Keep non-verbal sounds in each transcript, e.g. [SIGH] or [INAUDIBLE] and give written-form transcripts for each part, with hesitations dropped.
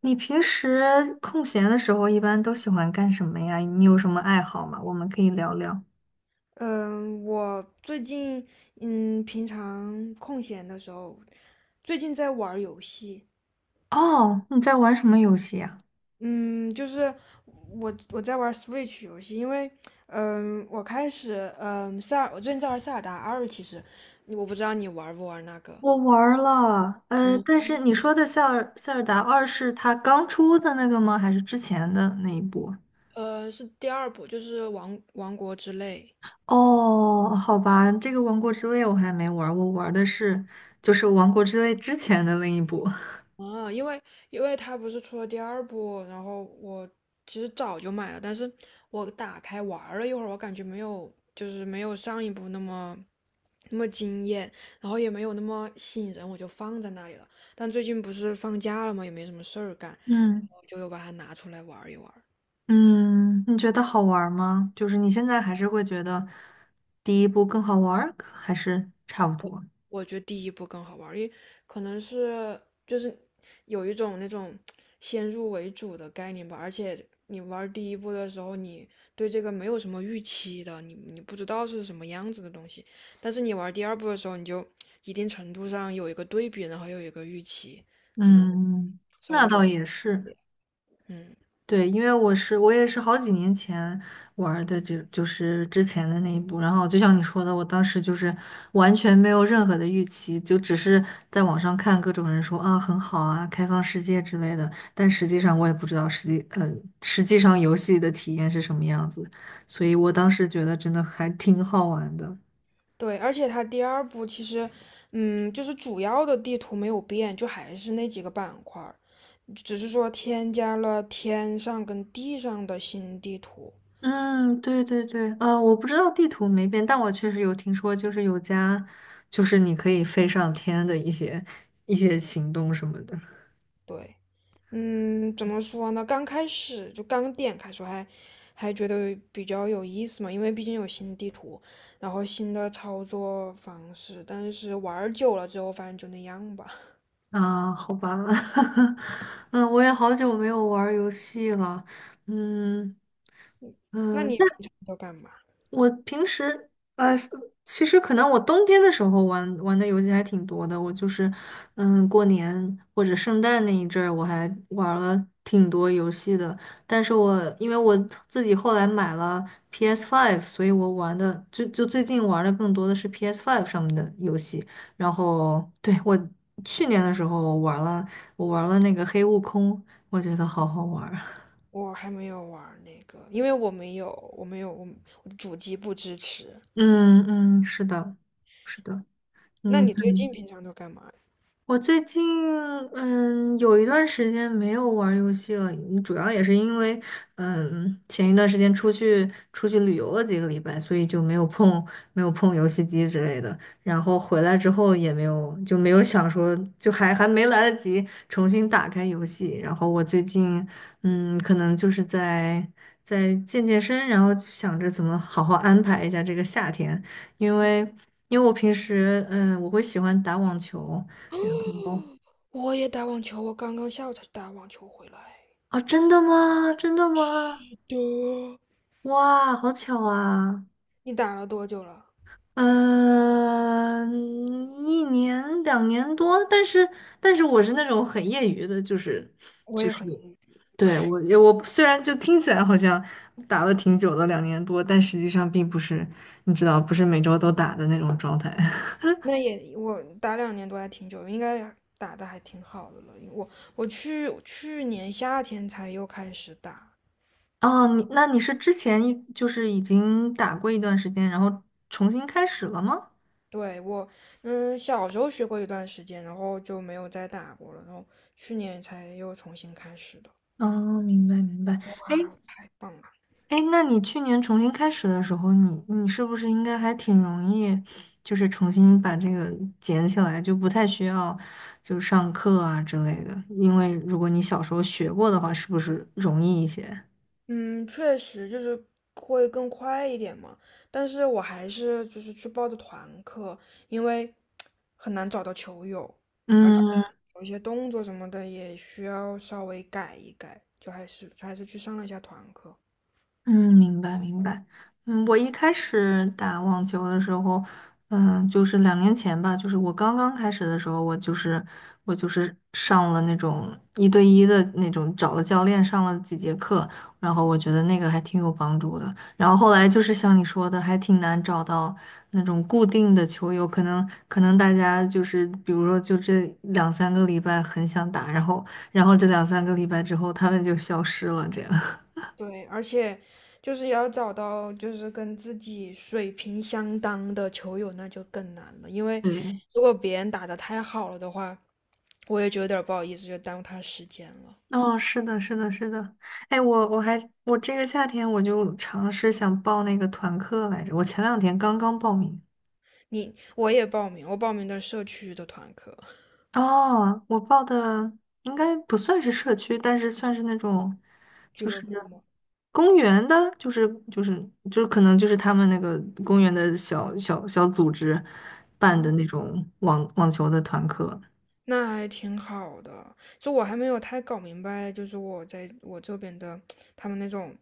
你平时空闲的时候一般都喜欢干什么呀？你有什么爱好吗？我们可以聊聊。嗯，我最近嗯，平常空闲的时候，最近在玩儿游戏。哦，你在玩什么游戏呀？嗯，就是我在玩儿 Switch 游戏，因为我最近在玩塞尔达二。其实我不知道你玩不玩那个。我玩儿了，但嗯，是你说的《塞尔达二》是它刚出的那个吗？还是之前的那一部？是第二部，就是王国之泪。哦，好吧，这个《王国之泪》我还没玩儿，我玩儿的就是《王国之泪》之前的那一部。[LAUGHS] 啊，因为它不是出了第二部，然后我其实早就买了，但是我打开玩儿了一会儿，我感觉没有，就是没有上一部那么惊艳，然后也没有那么吸引人，我就放在那里了。但最近不是放假了嘛，也没什么事儿干，嗯我就又把它拿出来玩儿一玩。嗯，你觉得好玩儿吗？就是你现在还是会觉得第一部更好玩儿，还是差不多？我觉得第一部更好玩，因为可能是就是有一种那种先入为主的概念吧。而且你玩第一部的时候，你对这个没有什么预期的，你不知道是什么样子的东西，但是你玩第二部的时候，你就一定程度上有一个对比，然后又有一个预期，可能嗯，稍微那觉倒得也是，嗯。对，因为我也是好几年前玩的这，就是之前的那一部，然后就像你说的，我当时就是完全没有任何的预期，就只是在网上看各种人说啊很好啊，开放世界之类的，但实际上我也不知道实际上游戏的体验是什么样子，所以我当时觉得真的还挺好玩的。对，而且它第二部其实，就是主要的地图没有变，就还是那几个板块儿，只是说添加了天上跟地上的新地图。嗯，对对对，我不知道地图没变，但我确实有听说，就是有家，就是你可以飞上天的一些行动什么的。对，怎么说呢？刚开始就刚点开时候还觉得比较有意思嘛，因为毕竟有新地图，然后新的操作方式。但是玩儿久了之后，发现就那样吧。[LAUGHS] 啊，好吧，[LAUGHS] 嗯，我也好久没有玩儿游戏了。嗯那嗯，你平常都干嘛？我平时呃，其实可能我冬天的时候玩的游戏还挺多的。我就是，嗯，过年或者圣诞那一阵儿，我还玩了挺多游戏的。但是因为我自己后来买了 p s Five，所以我玩的就最近玩的更多的是 p s Five 上面的游戏。然后对我去年的时候我玩了那个黑悟空，我觉得好好玩儿。我还没有玩儿那个，因为我没有，我没有，我的主机不支持。[LAUGHS] 嗯嗯，是的，是的。那嗯，你最近平常都干嘛呀？我最近有一段时间没有玩儿游戏了，主要也是因为前一段时间出去旅游了几个礼拜，所以就没有碰游戏机之类的。然后回来之后也没有就没有想说还没来得及重新打开游戏。然后我最近可能就是在健身，然后就想着怎么好好安排一下这个夏天，因为因为我平时我会喜欢打网球。然后我也打网球，我刚刚下午才去打网球回来。啊，真的吗？真的吗？的，哇，好巧啊！你打了多久了？嗯、一年两年多，但是我是那种很业余的，就是我就也是很业余。对我虽然就听起来好像打了挺久的两年多，但实际上并不是你知道，不是每周都打的那种状态。[LAUGHS] 那也我打两年多还挺久，应该打的还挺好的了。因为我去年夏天才又开始打。哦，那你是之前就是已经打过一段时间，然后重新开始了吗？对，我小时候学过一段时间，然后就没有再打过了，然后去年才又重新开始的。哦，明白明白。哎，哇，太棒了！哎，那你去年重新开始的时候，你是不是应该还挺容易，就是重新把这个捡起来，就不太需要就上课啊之类的？因为如果你小时候学过的话，是不是容易一些？嗯，确实就是会更快一点嘛，但是我还是就是去报的团课，因为很难找到球友，而且嗯，有一些动作什么的也需要稍微改一改，就还是去上了一下团课。嗯，明白明白。我一开始打网球的时候，就是2年前吧，就是我刚刚开始的时候，我就是上了那种一对一的那种，找了教练上了几节课，然后我觉得那个还挺有帮助的。然后后来就是像你说的，还挺难找到那种固定的球友，可能大家就是比如说就这两三个礼拜很想打，然后这两三个礼拜之后他们就消失了，这样。对，而且就是也要找到就是跟自己水平相当的球友，那就更难了，因 [LAUGHS] 为对。如果别人打得太好了的话，我也就有点儿不好意思，就耽误他时间了。哦，是的，是的，是的。哎，我这个夏天我就尝试想报那个团课来着，我前2天刚刚报名。我也报名，我报名的社区的团课，哦，我报的应该不算是社区，但是算是那种，俱就是乐部嘛。公园的，就是可能就是他们那个公园的小组织办嗯，的那种网球的团课。那还挺好的。就我还没有太搞明白，就是我在我这边的他们那种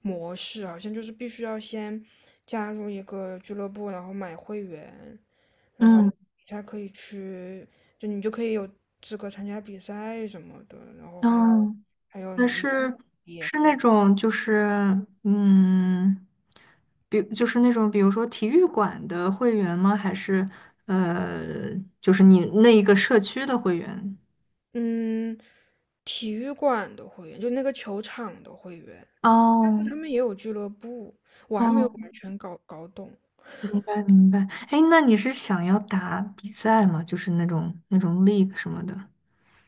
模式，好像就是必须要先加入一个俱乐部，然后买会员，然后你嗯，才可以去，就你就可以有资格参加比赛什么的，然后还有哦，还有那你是也是可那以。种就是嗯，就是那种比如说体育馆的会员吗？还是呃，就是你那一个社区的会员？嗯，体育馆的会员，就那个球场的会员。哦他们也有俱乐部，我还没有哦，完全搞懂。明白明白。哎，那你是想要打比赛吗？就是那种 league 什么的？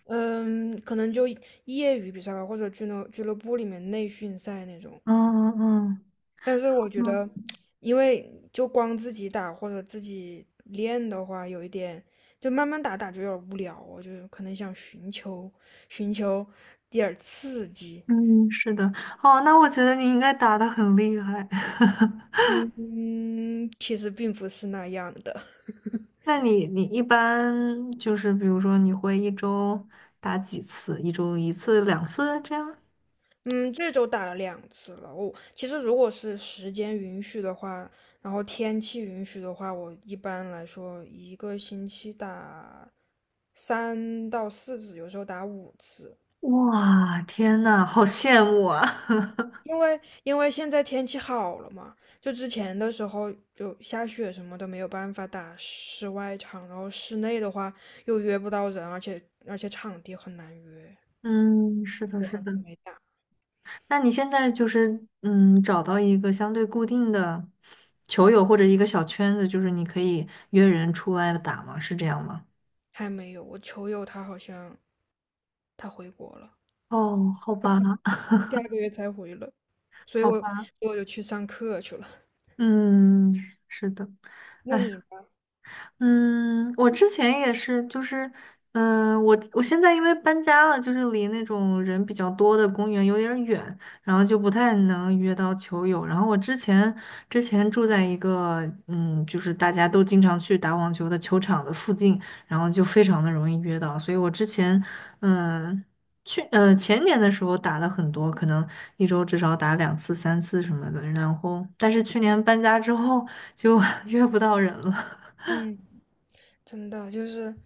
嗯，可能就业余比赛吧，或者俱乐部里面内训赛那种。嗯嗯但是我觉得，嗯因为就光自己打或者自己练的话，有一点就慢慢打打就有点无聊，我就可能想寻求点儿刺激。嗯，嗯是的。哦，那我觉得你应该打的很厉害。[LAUGHS] 嗯嗯，其实并不是那样的。[LAUGHS] 那你一般就是比如说你会一周打几次？一周一次、两次这样？嗯，这周打了两次了。我其实如果是时间允许的话，然后天气允许的话，我一般来说一个星期打三到四次，有时候打五次。哇，天呐，好羡慕啊！因为现在天气好了嘛，就之前的时候就下雪什么的没有办法打室外场，然后室内的话又约不到人，而且场地很难约，[LAUGHS] 嗯，是的，是的。没打，那你现在就是找到一个相对固定的球友或者一个小圈子，就是你可以约人出来打吗？是这样吗？还没有。我球友他好像他回国了。哦，好吧，第二个月才回了，所以好我所吧，以我就去上课去了。嗯，是的。那哎你呢？嗯，我之前也是，就是，我现在因为搬家了，就是离那种人比较多的公园有点儿远，然后就不太能约到球友。然后我之前住在一个，就是大家都经常去打网球的球场的附近，然后就非常的容易约到。所以我之前，嗯、前年的时候打了很多，可能一周至少打2次、3次什么的。然后，但是去年搬家之后就 [LAUGHS] 约不到人了。嗯，真的就是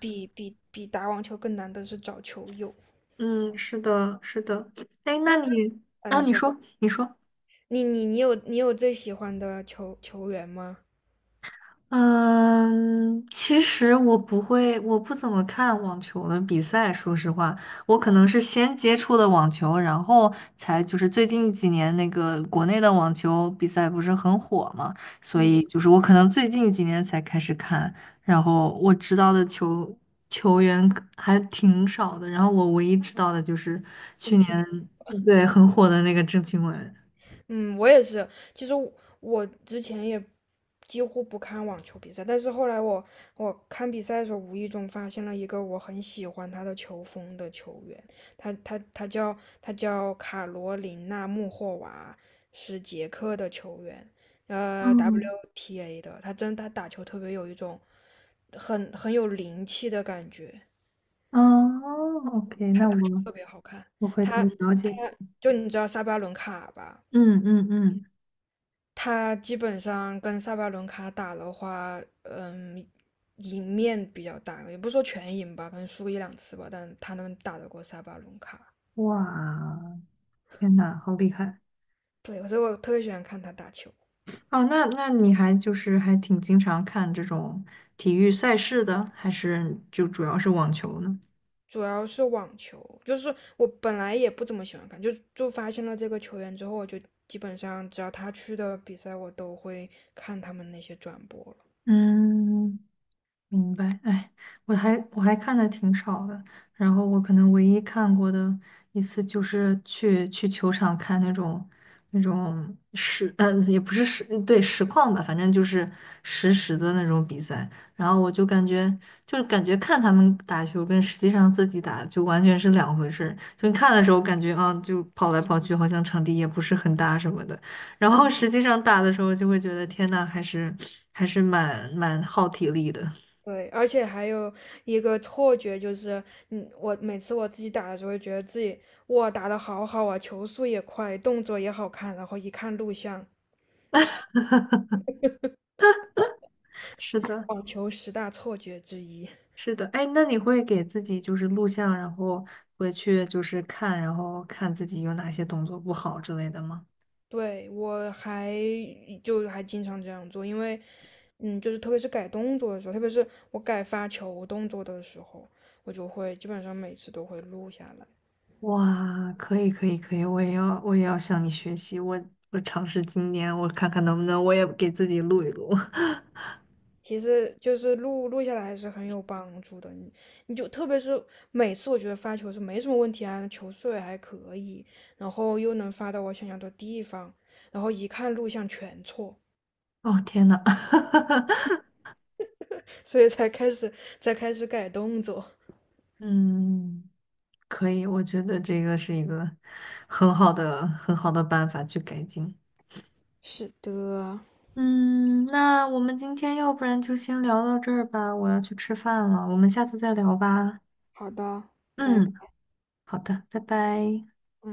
比打网球更难的是找球友。嗯，是的，是的。哎，那那你，啊，啊，你你说说，你说，你有最喜欢的球员吗？嗯，其实我不会，我不怎么看网球的比赛。说实话，我可能是先接触的网球，然后就是最近几年那个国内的网球比赛不是很火嘛，所以嗯，就是我可能最近几年才开始看，然后我知道的球员可还挺少的，然后我唯一知道的就是去邓年，钦对，很火的那个郑钦文。嗯，我也是。其实我之前也几乎不看网球比赛，但是后来我看比赛的时候，无意中发现了一个我很喜欢他的球风的球员，他叫卡罗琳娜穆霍娃，是捷克的球员，嗯，WTA 的。他打球特别有一种很有灵气的感觉。哦，OK，那我回头他了他解。就你知道萨巴伦卡吧？嗯嗯嗯，他基本上跟萨巴伦卡打的话，赢面比较大，也不说全赢吧，可能输个一两次吧，但他能打得过萨巴伦卡。哇，天呐，好厉害！对，所以我特别喜欢看他打球。哦，那你还就是还挺经常看这种体育赛事的，还是就主要是网球呢？主要是网球，就是我本来也不怎么喜欢看，就发现了这个球员之后，我就基本上只要他去的比赛，我都会看他们那些转播了。嗯明白，哎，我还看的挺少的，然后我可能唯一看过的一次就是去球场看那种也不是实况吧，反正就是实时的那种比赛，然后我就感觉看他们打球跟实际上自己打就完全是两回事儿，就你看的时候感觉啊就跑来跑去，好像场地也不是很大什么的，然后实际上打的时候就会觉得天呐，还是蛮耗体力的。对，而且还有一个错觉，就是，我每次我自己打的时候，觉得自己哇打得好好啊，球速也快，动作也好看，然后一看录像，是的，网球十大错觉之一。是的，哎，那你会给自己就是录像，然后回去就是看，然后看自己有哪些动作不好之类的吗？对，我就还经常这样做，因为，就是特别是改动作的时候，特别是我改发球动作的时候，我就会基本上每次都会录下来。哇，可以，可以，可以，我也要向你学习，我尝试今年，我看看能不能我也给自己录一录。[LAUGHS] 其实就是录录下来还是很有帮助的，你你就特别是每次我觉得发球是没什么问题啊，球速也还可以，然后又能发到我想要的地方，然后一看录像全错，哦，天呐，所以才开始改动作。[LAUGHS] 嗯，可以，我觉得这个是一个很好的很好的办法去改进。是的，嗯，那我们今天要不然就先聊到这儿吧，我要去吃饭了，我们下次再聊吧。好的，拜嗯，拜。好的，拜拜。嗯。